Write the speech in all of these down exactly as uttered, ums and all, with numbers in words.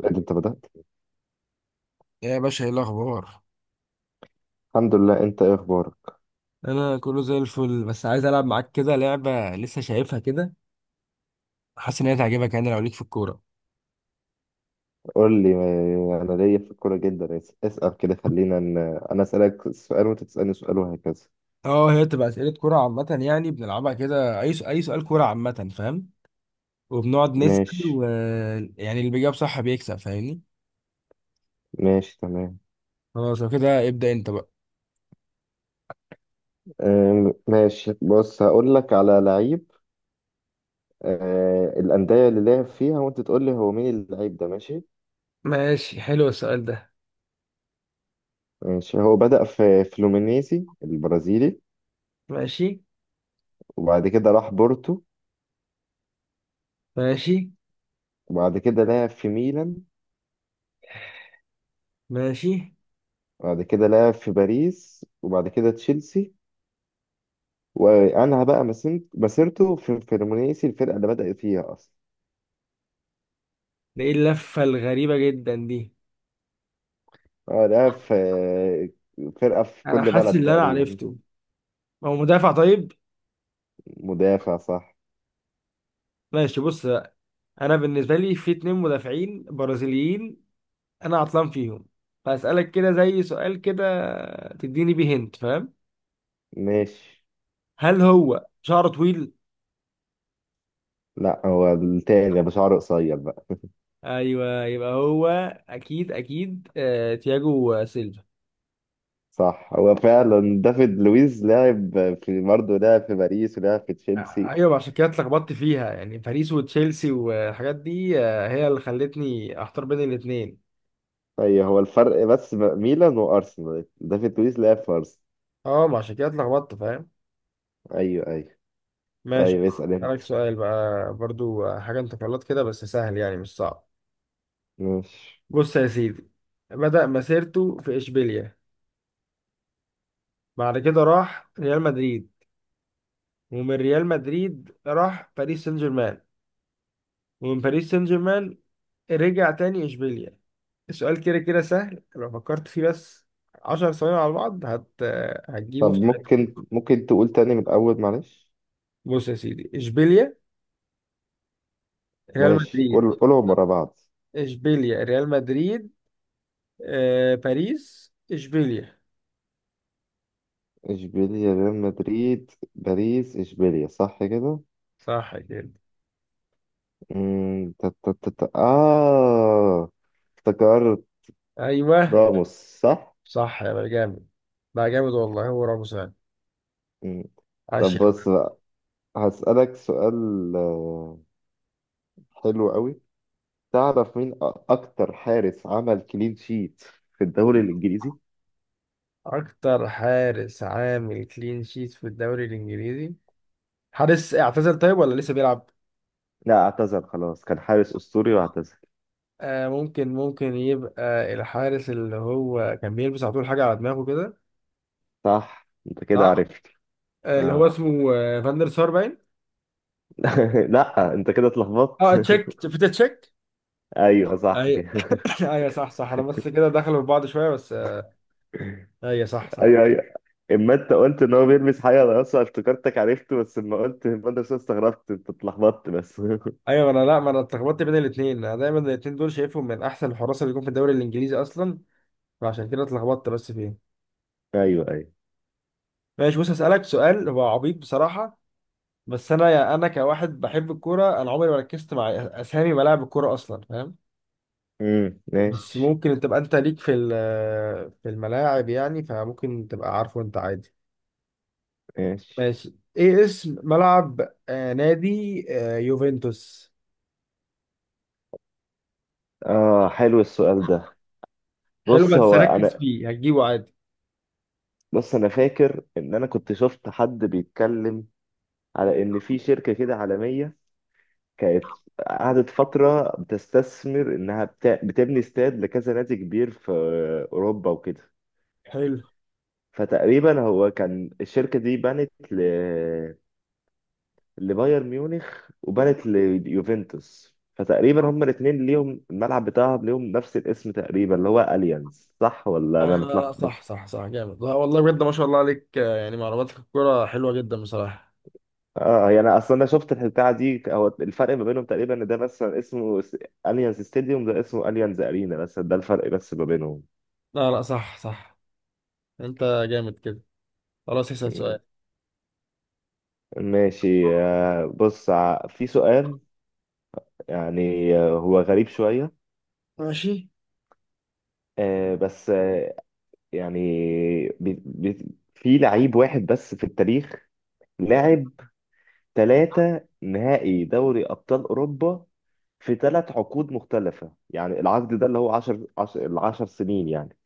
لا، ده انت بدأت. ايه يا باشا، ايه الاخبار؟ الحمد لله. انت ايه اخبارك؟ انا كله زي الفل، بس عايز العب معاك كده لعبه لسه شايفها كده. حاسس ان هي تعجبك، يعني لو ليك في الكوره. قول لي ما- انا ليا في الكوره جدا. اس- اسأل كده، خلينا ان انا اسألك سؤال وانت تسألني سؤال وهكذا. اه، هي بتبقى اسئله كوره عامه يعني، بنلعبها كده. اي سؤال- اي سؤال كوره عامه، فاهم؟ وبنقعد نسال ماشي. و يعني اللي بيجاوب صح بيكسب، فاهمني؟ ماشي تمام. خلاص، لو كده ابدا انت بقى. أم، ماشي، بص هقول لك على لعيب. أه، الأندية اللي لعب فيها وانت تقول لي هو مين اللعيب ده. ماشي. ماشي، حلو السؤال ده. ماشي، هو بدأ في فلومينيزي البرازيلي، ماشي. وبعد كده راح بورتو، ماشي. وبعد كده لعب في ميلان، ماشي. وبعد كده لعب في باريس، وبعد كده تشيلسي، وانهى بقى مسيرت- مسيرته في فلومينيسي الفرقه اللي بدأ فيها اصلا. ده ايه اللفه الغريبه جدا دي؟ اه، ده في فرقه في انا كل حاسس بلد ان انا تقريبا. عرفته. هو مدافع، طيب؟ مدافع، صح. ماشي، بص. انا بالنسبه لي في اتنين مدافعين برازيليين، انا عطلان فيهم، فاسالك كده زي سؤال كده تديني بيه هنت، فاهم؟ ماشي. هل هو شعره طويل؟ لا، هو التاني ابو شعر قصير بقى. ايوه، يبقى هو. اكيد اكيد، آه تياجو سيلفا. صح، هو فعلا دافيد لويز. لاعب في، برضه لاعب في باريس ولاعب في تشيلسي. ايوه، عشان كده اتلخبطت فيها، يعني باريس وتشيلسي والحاجات دي، آه، هي اللي خلتني احتار بين الاتنين. ايوه، هو الفرق بس ب- ميلان وارسنال، دافيد لويز لاعب في ارسنال. اه، ما عشان كده اتلخبطت، فاهم. ايوه ايوه. ماشي، طيب، اسال انت. اسالك سؤال بقى برضو. آه، حاجه انت غلط كده، بس سهل يعني، مش صعب. ماشي. بص يا سيدي، بدأ مسيرته في إشبيليا، بعد كده راح ريال مدريد، ومن ريال مدريد راح باريس سان جيرمان، ومن باريس سان جيرمان رجع تاني إشبيليا. السؤال كده كده سهل لو فكرت فيه بس عشر ثواني على بعض، هت... هتجيبه طب في ساعتها. ممكن ممكن تقول تاني من الاول، معلش. بص يا سيدي، إشبيليا، ريال ماشي، مدريد، قول قولهم ورا بعض. إشبيليا، ريال مدريد، آه... باريس، إشبيليا. اشبيليا، ريال مدريد، باريس، اشبيليا. صح كده؟ صح كده. مم، تا- تا- تا- تا- اه افتكرت. أيوه. راموس. صح. صح، يا بقى جامد. بقى جامد والله، هو راموس يعني. مم. عاش طب يا حبيبي. بص بقى، هسألك سؤال، آه، حلو قوي. تعرف مين أ- اكتر حارس عمل كلين شيت في الدوري الانجليزي؟ اكتر حارس عامل كلين شيت في الدوري الانجليزي؟ حارس اعتزل طيب، ولا لسه بيلعب؟ لا، اعتزل خلاص. كان حارس اسطوري واعتزل. آه، ممكن ممكن يبقى الحارس اللي هو كان بيلبس على طول حاجه على دماغه كده. صح، انت كده صح. عرفت. آه اللي هو آه. اسمه آه فاندر سار باين. لا، انت كده اه، اتلخبطت. تشيك، بيتر تشيك. ايوه، صح ايوه. كده. ايوه صح صح، انا بس كده دخلوا في بعض شويه بس، آه. ايوه صح صح. ايوه. اما انت قلت ان هو بيلبس حاجه رقاصه افتكرتك عرفته، بس اما قلت المدرسه استغربت، انت اتلخبطت بس. ايوه، انا لا، ما انا اتلخبطت بين الاثنين. انا دايما الاثنين دول شايفهم من احسن الحراس اللي يكون في الدوري الانجليزي اصلا، فعشان كده اتلخبطت بس فيهم. ايوه ايوه. ماشي، بص هسألك سؤال هو عبيط بصراحة. بس انا، يا انا كواحد بحب الكوره، انا عمري ما ركزت مع اسامي ملاعب الكوره اصلا، فاهم؟ امم بس ماشي. ممكن تبقى انت ليك في ال- في الملاعب يعني، فممكن تبقى عارفه انت عادي. ماشي. ماشي، ايه اسم ملعب آه نادي آه يوفنتوس؟ اه، حلو السؤال ده. حلو، بص بس هو ركز انا فيه هتجيبه عادي. بص انا فاكر ان انا كنت شفت حد بيتكلم على ان في شركه كده عالميه، كانت قعدت فتره بتستثمر انها بتا... بتبني استاد لكذا نادي كبير في اوروبا وكده. حلو. فتقريبا هو، كان الشركه دي بنت ل... لبايرن ميونخ وبانت ليوفنتوس، فتقريبا هما الاثنين ليهم الملعب بتاعهم، ليهم نفس الاسم تقريبا، اللي هو اليانز. صح ولا آه انا لا لا، صح متلخبط؟ صح صح، جامد. لا والله بجد، ما شاء الله عليك، آه، يعني معلوماتك في الكوره حلوه جدا بصراحه. اه، يعني انا اصلا انا شفت البتاعه دي. هو الفرق ما بينهم تقريبا ان ده مثلا اسمه س- اليانز ستاديوم، ده اسمه اليانز ارينا، بس ده الفرق بس ما بينهم. لا لا، صح صح. انت جامد كده. خلاص، اسال سؤال. ماشي، آه، بص ع- في سؤال يعني، آه، هو غريب شويه، ماشي. آه، بس آه، يعني بي- بي- في لعيب واحد بس في التاريخ لاعب ثلاثة نهائي دوري أبطال أوروبا في ثلاث عقود مختلفة. يعني العقد ده اللي هو عشرة، عشرة، العشر سنين يعني.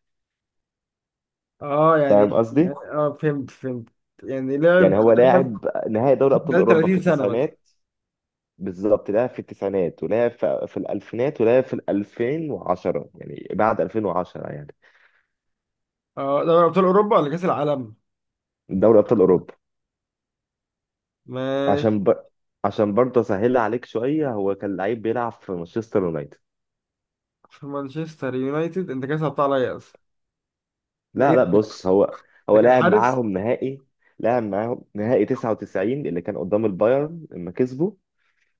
اه فاهم يعني، قصدي؟ اه، فهمت فهمت. يعني لعب يعني هو لعب لاعب نهائي دوري أبطال خلال أوروبا في ثلاثين سنة بس؟ التسعينات. بالظبط، لاعب في التسعينات، ولاعب في, في الألفينات، ولاعب في ألفين وعشرة يعني بعد ألفين وعشرة يعني. اه، دوري أبطال أوروبا ولا كأس العالم؟ دوري أبطال أوروبا. ماشي. عشان ب... عشان برضه أسهلها عليك شوية. هو كان لعيب بيلعب في مانشستر يونايتد. في مانشستر يونايتد؟ أنت كده صعبتها عليا أصلا. ده لا إيه لا، ده؟ بص، هو ده هو كان لعب حارس؟ معاهم نهائي لعب معاهم نهائي تسعة وتسعين اللي كان قدام البايرن لما كسبوا،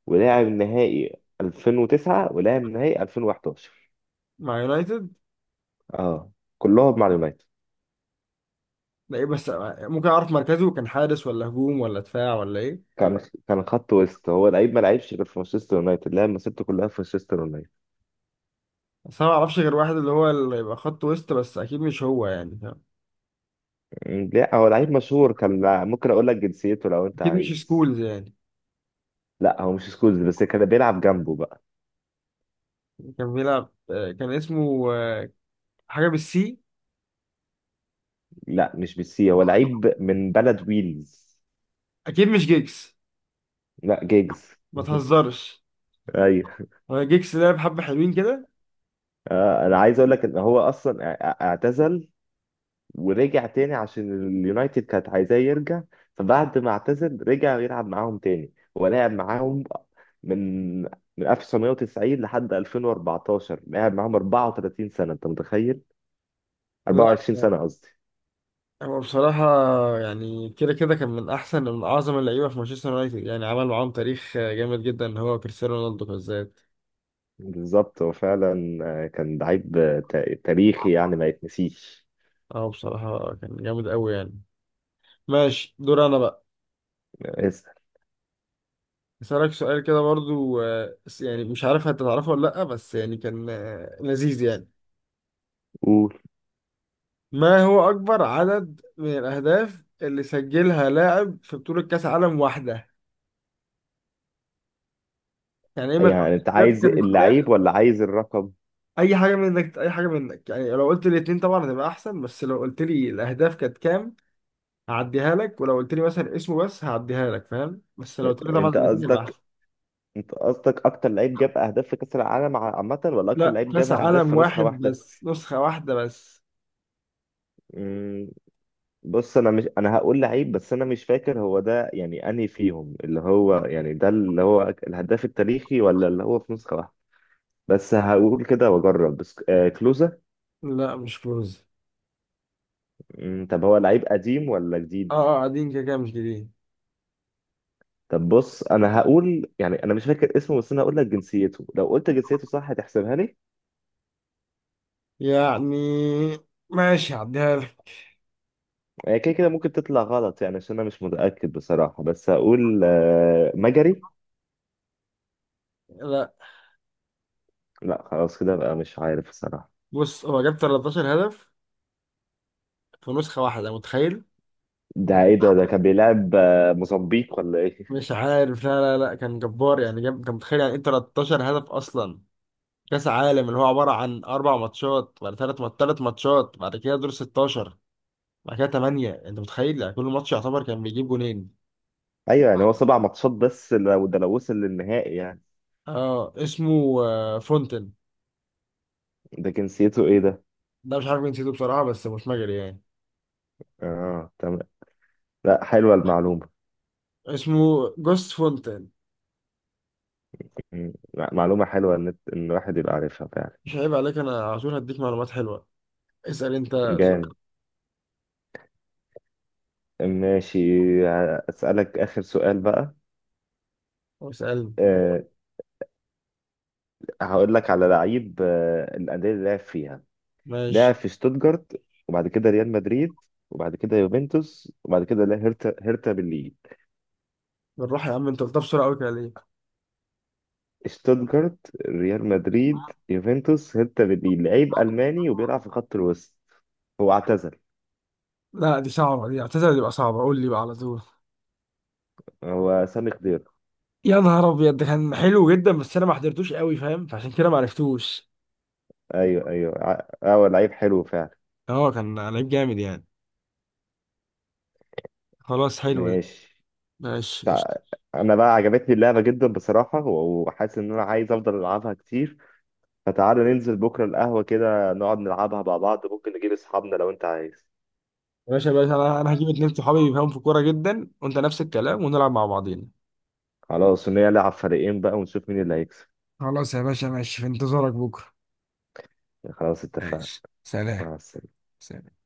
ولعب نهائي ألفين وتسعة، ولعب نهائي ألفين وأحد عشر. مع يونايتد؟ اه، كلهم مع اليونايتد. ده إيه بس. ممكن أعرف مركزه؟ كان حارس ولا هجوم ولا دفاع ولا إيه؟ كان كان خط وسط. هو لعيب ما لعبش غير في مانشستر يونايتد، لعب مسيرته كلها في مانشستر يونايتد. بس أنا معرفش غير واحد اللي هو اللي يبقى خط وسط، بس أكيد مش هو يعني، فاهم؟ م، لا، هو لعيب مشهور. كان لع- ممكن اقول لك جنسيته لو انت أكيد مش عايز. سكولز يعني. لا، هو مش سكولز، بس كان بيلعب جنبه بقى. كان بيلعب، آه، كان اسمه، آه، حاجة بالسي. لا، مش بالسي، هو لعيب من بلد ويلز. أكيد مش جيجز. لا، جيجز. ما تهزرش. ايوه. هو جيكس لعب حبة حلوين كده. آه، انا عايز اقول لك ان هو اصلا اع- اعتزل ورجع تاني عشان اليونايتد كانت عايزاه يرجع، فبعد ما اعتزل رجع يلعب معاهم تاني. هو لعب معاهم من من ألف وتسعمائة وتسعين لحد ألفين واربعتاشر، لعب معاهم 34 سنة انت متخيل، لا، 24 يعني سنة قصدي. هو بصراحة، يعني كده كده كان من أحسن من أعظم اللعيبة في مانشستر يونايتد، يعني عمل معاهم تاريخ جامد جدا، هو كريستيانو رونالدو بالذات. بالظبط، هو فعلا آه، كان لعيب آه، تا- تاريخي يعني ما يتنسيش. اه، بصراحة كان جامد أوي يعني. ماشي، دور أنا بقى. اسأل. أسألك سؤال كده برضو، آه، يعني مش عارف هتتعرفه ولا لأ، بس يعني كان، آه، لذيذ يعني. قول. ما هو أكبر عدد من الأهداف اللي سجلها لاعب في بطولة كأس عالم واحدة؟ يعني إيه ما يعني انت الأهداف عايز كانت كام. اللعيب ولا عايز الرقم؟ اي حاجه منك، اي حاجه منك، يعني لو قلت لي الاتنين طبعا هتبقى احسن، بس لو قلت لي الاهداف كانت كام هعديها لك، ولو قلت لي مثلا اسمه بس هعديها لك، فاهم؟ بس لو قلت لي طبعا انت الاتنين يبقى قصدك احسن. انت قصدك اكتر لعيب جاب اهداف في كاس العالم ع- عامه ولا اكتر لا، لعيب جاب كاس اهداف في عالم نسخه واحد واحده؟ بس، نسخه واحده بس. مم، بص، انا مش انا هقول لعيب، بس انا مش فاكر هو ده يعني انهي فيهم، اللي هو يعني ده اللي هو أك- الهداف التاريخي ولا اللي هو في نسخه واحده. بس هقول كده واجرب، بس آه، كلوزا. لا، مش كلوز. مم، طب هو لعيب قديم ولا اه جديد؟ اه، قاعدين كده كده مش جديد طب بص، انا هقول يعني، انا مش فاكر اسمه بس انا هقول لك جنسيته، لو قلت جنسيته صح هتحسبها لي؟ يعني. ماشي، هعديها لك. هي كده كده ممكن تطلع غلط يعني عشان انا مش متاكد بصراحه، بس هقول آه مجري. لا، لا خلاص كده بقى مش عارف الصراحة. بص هو جاب تلتاشر هدف في نسخه واحده، متخيل؟ ده ايه ده؟ ده كان بيلعب آه، موزمبيق ولا ايه؟ مش عارف. لا لا لا، كان جبار يعني. جاب، كان متخيل يعني ايه تلتاشر هدف اصلا؟ كاس عالم اللي هو عباره عن اربع ماتشات، بعد ثلاث مات ثلاث ماتشات، بعد كده دور ستاشر، بعد كده تمانيه، انت متخيل؟ يعني كل ماتش يعتبر كان بيجيب جونين. ايوه يعني هو سبع ماتشات بس، لو ده لو وصل للنهائي يعني. اه، اسمه، آه، فونتن. ده جنسيته ايه ده؟ ده مش عارف جنسيته بصراحه، بس مش مجري يعني. اه تمام. لا، حلوة المعلومة. اسمه جوست فونتن. مم. لا، معلومة حلوة ان ان الواحد يبقى عارفها فعلا. مش عيب عليك، انا على طول هديك معلومات حلوه. اسال انت. جامد. ماشي، اسألك اخر سؤال بقى. اسال. أه، هقول لك على لعيب. أه، الأندية اللي لعب فيها: لعب ماشي، في شتوتجارت، وبعد كده ريال مدريد، وبعد كده يوفنتوس، وبعد كده لا، هيرتا، هيرتا بالليج. بالراحه يا عم، انت قلتها بسرعه قوي كده ليه؟ شتوتجارت، ريال مدريد، يوفنتوس، هيرتا برلين. لعيب ألماني وبيلعب في خط الوسط. هو اعتزل. لا دي صعبه دي، اعتذر تبقى صعبه، قول لي بقى على طول. هو سامي خضير. يا نهار ابيض، ده كان حلو جدا، بس انا ما حضرتوش قوي، فاهم؟ فعشان كده ما عرفتوش. ايوه ايوه ع- آه، هو لعيب حلو فعلا. اه، كان لعيب جامد يعني. خلاص، حلو ده. ماشي. ماشي، قشطة. تع- انا بقى عجبتني اللعبه جدا بصراحه، و- وحاسس ان انا عايز افضل العبها كتير. فتعالى ننزل بكره القهوه كده نقعد نلعبها مع بعض، ممكن نجيب اصحابنا لو انت عايز. يا باشا، باشا، انا انا هجيب اتنين صحابي بيفهموا في الكورة جدا، وانت نفس الكلام، ونلعب مع بعضينا. خلاص، ونلعب فريقين بقى ونشوف مين اللي هيكسب. خلاص يا باشا، ماشي، في انتظارك بكرة. خلاص اتفقنا. ماشي، سلام. مع السلامه. سلام.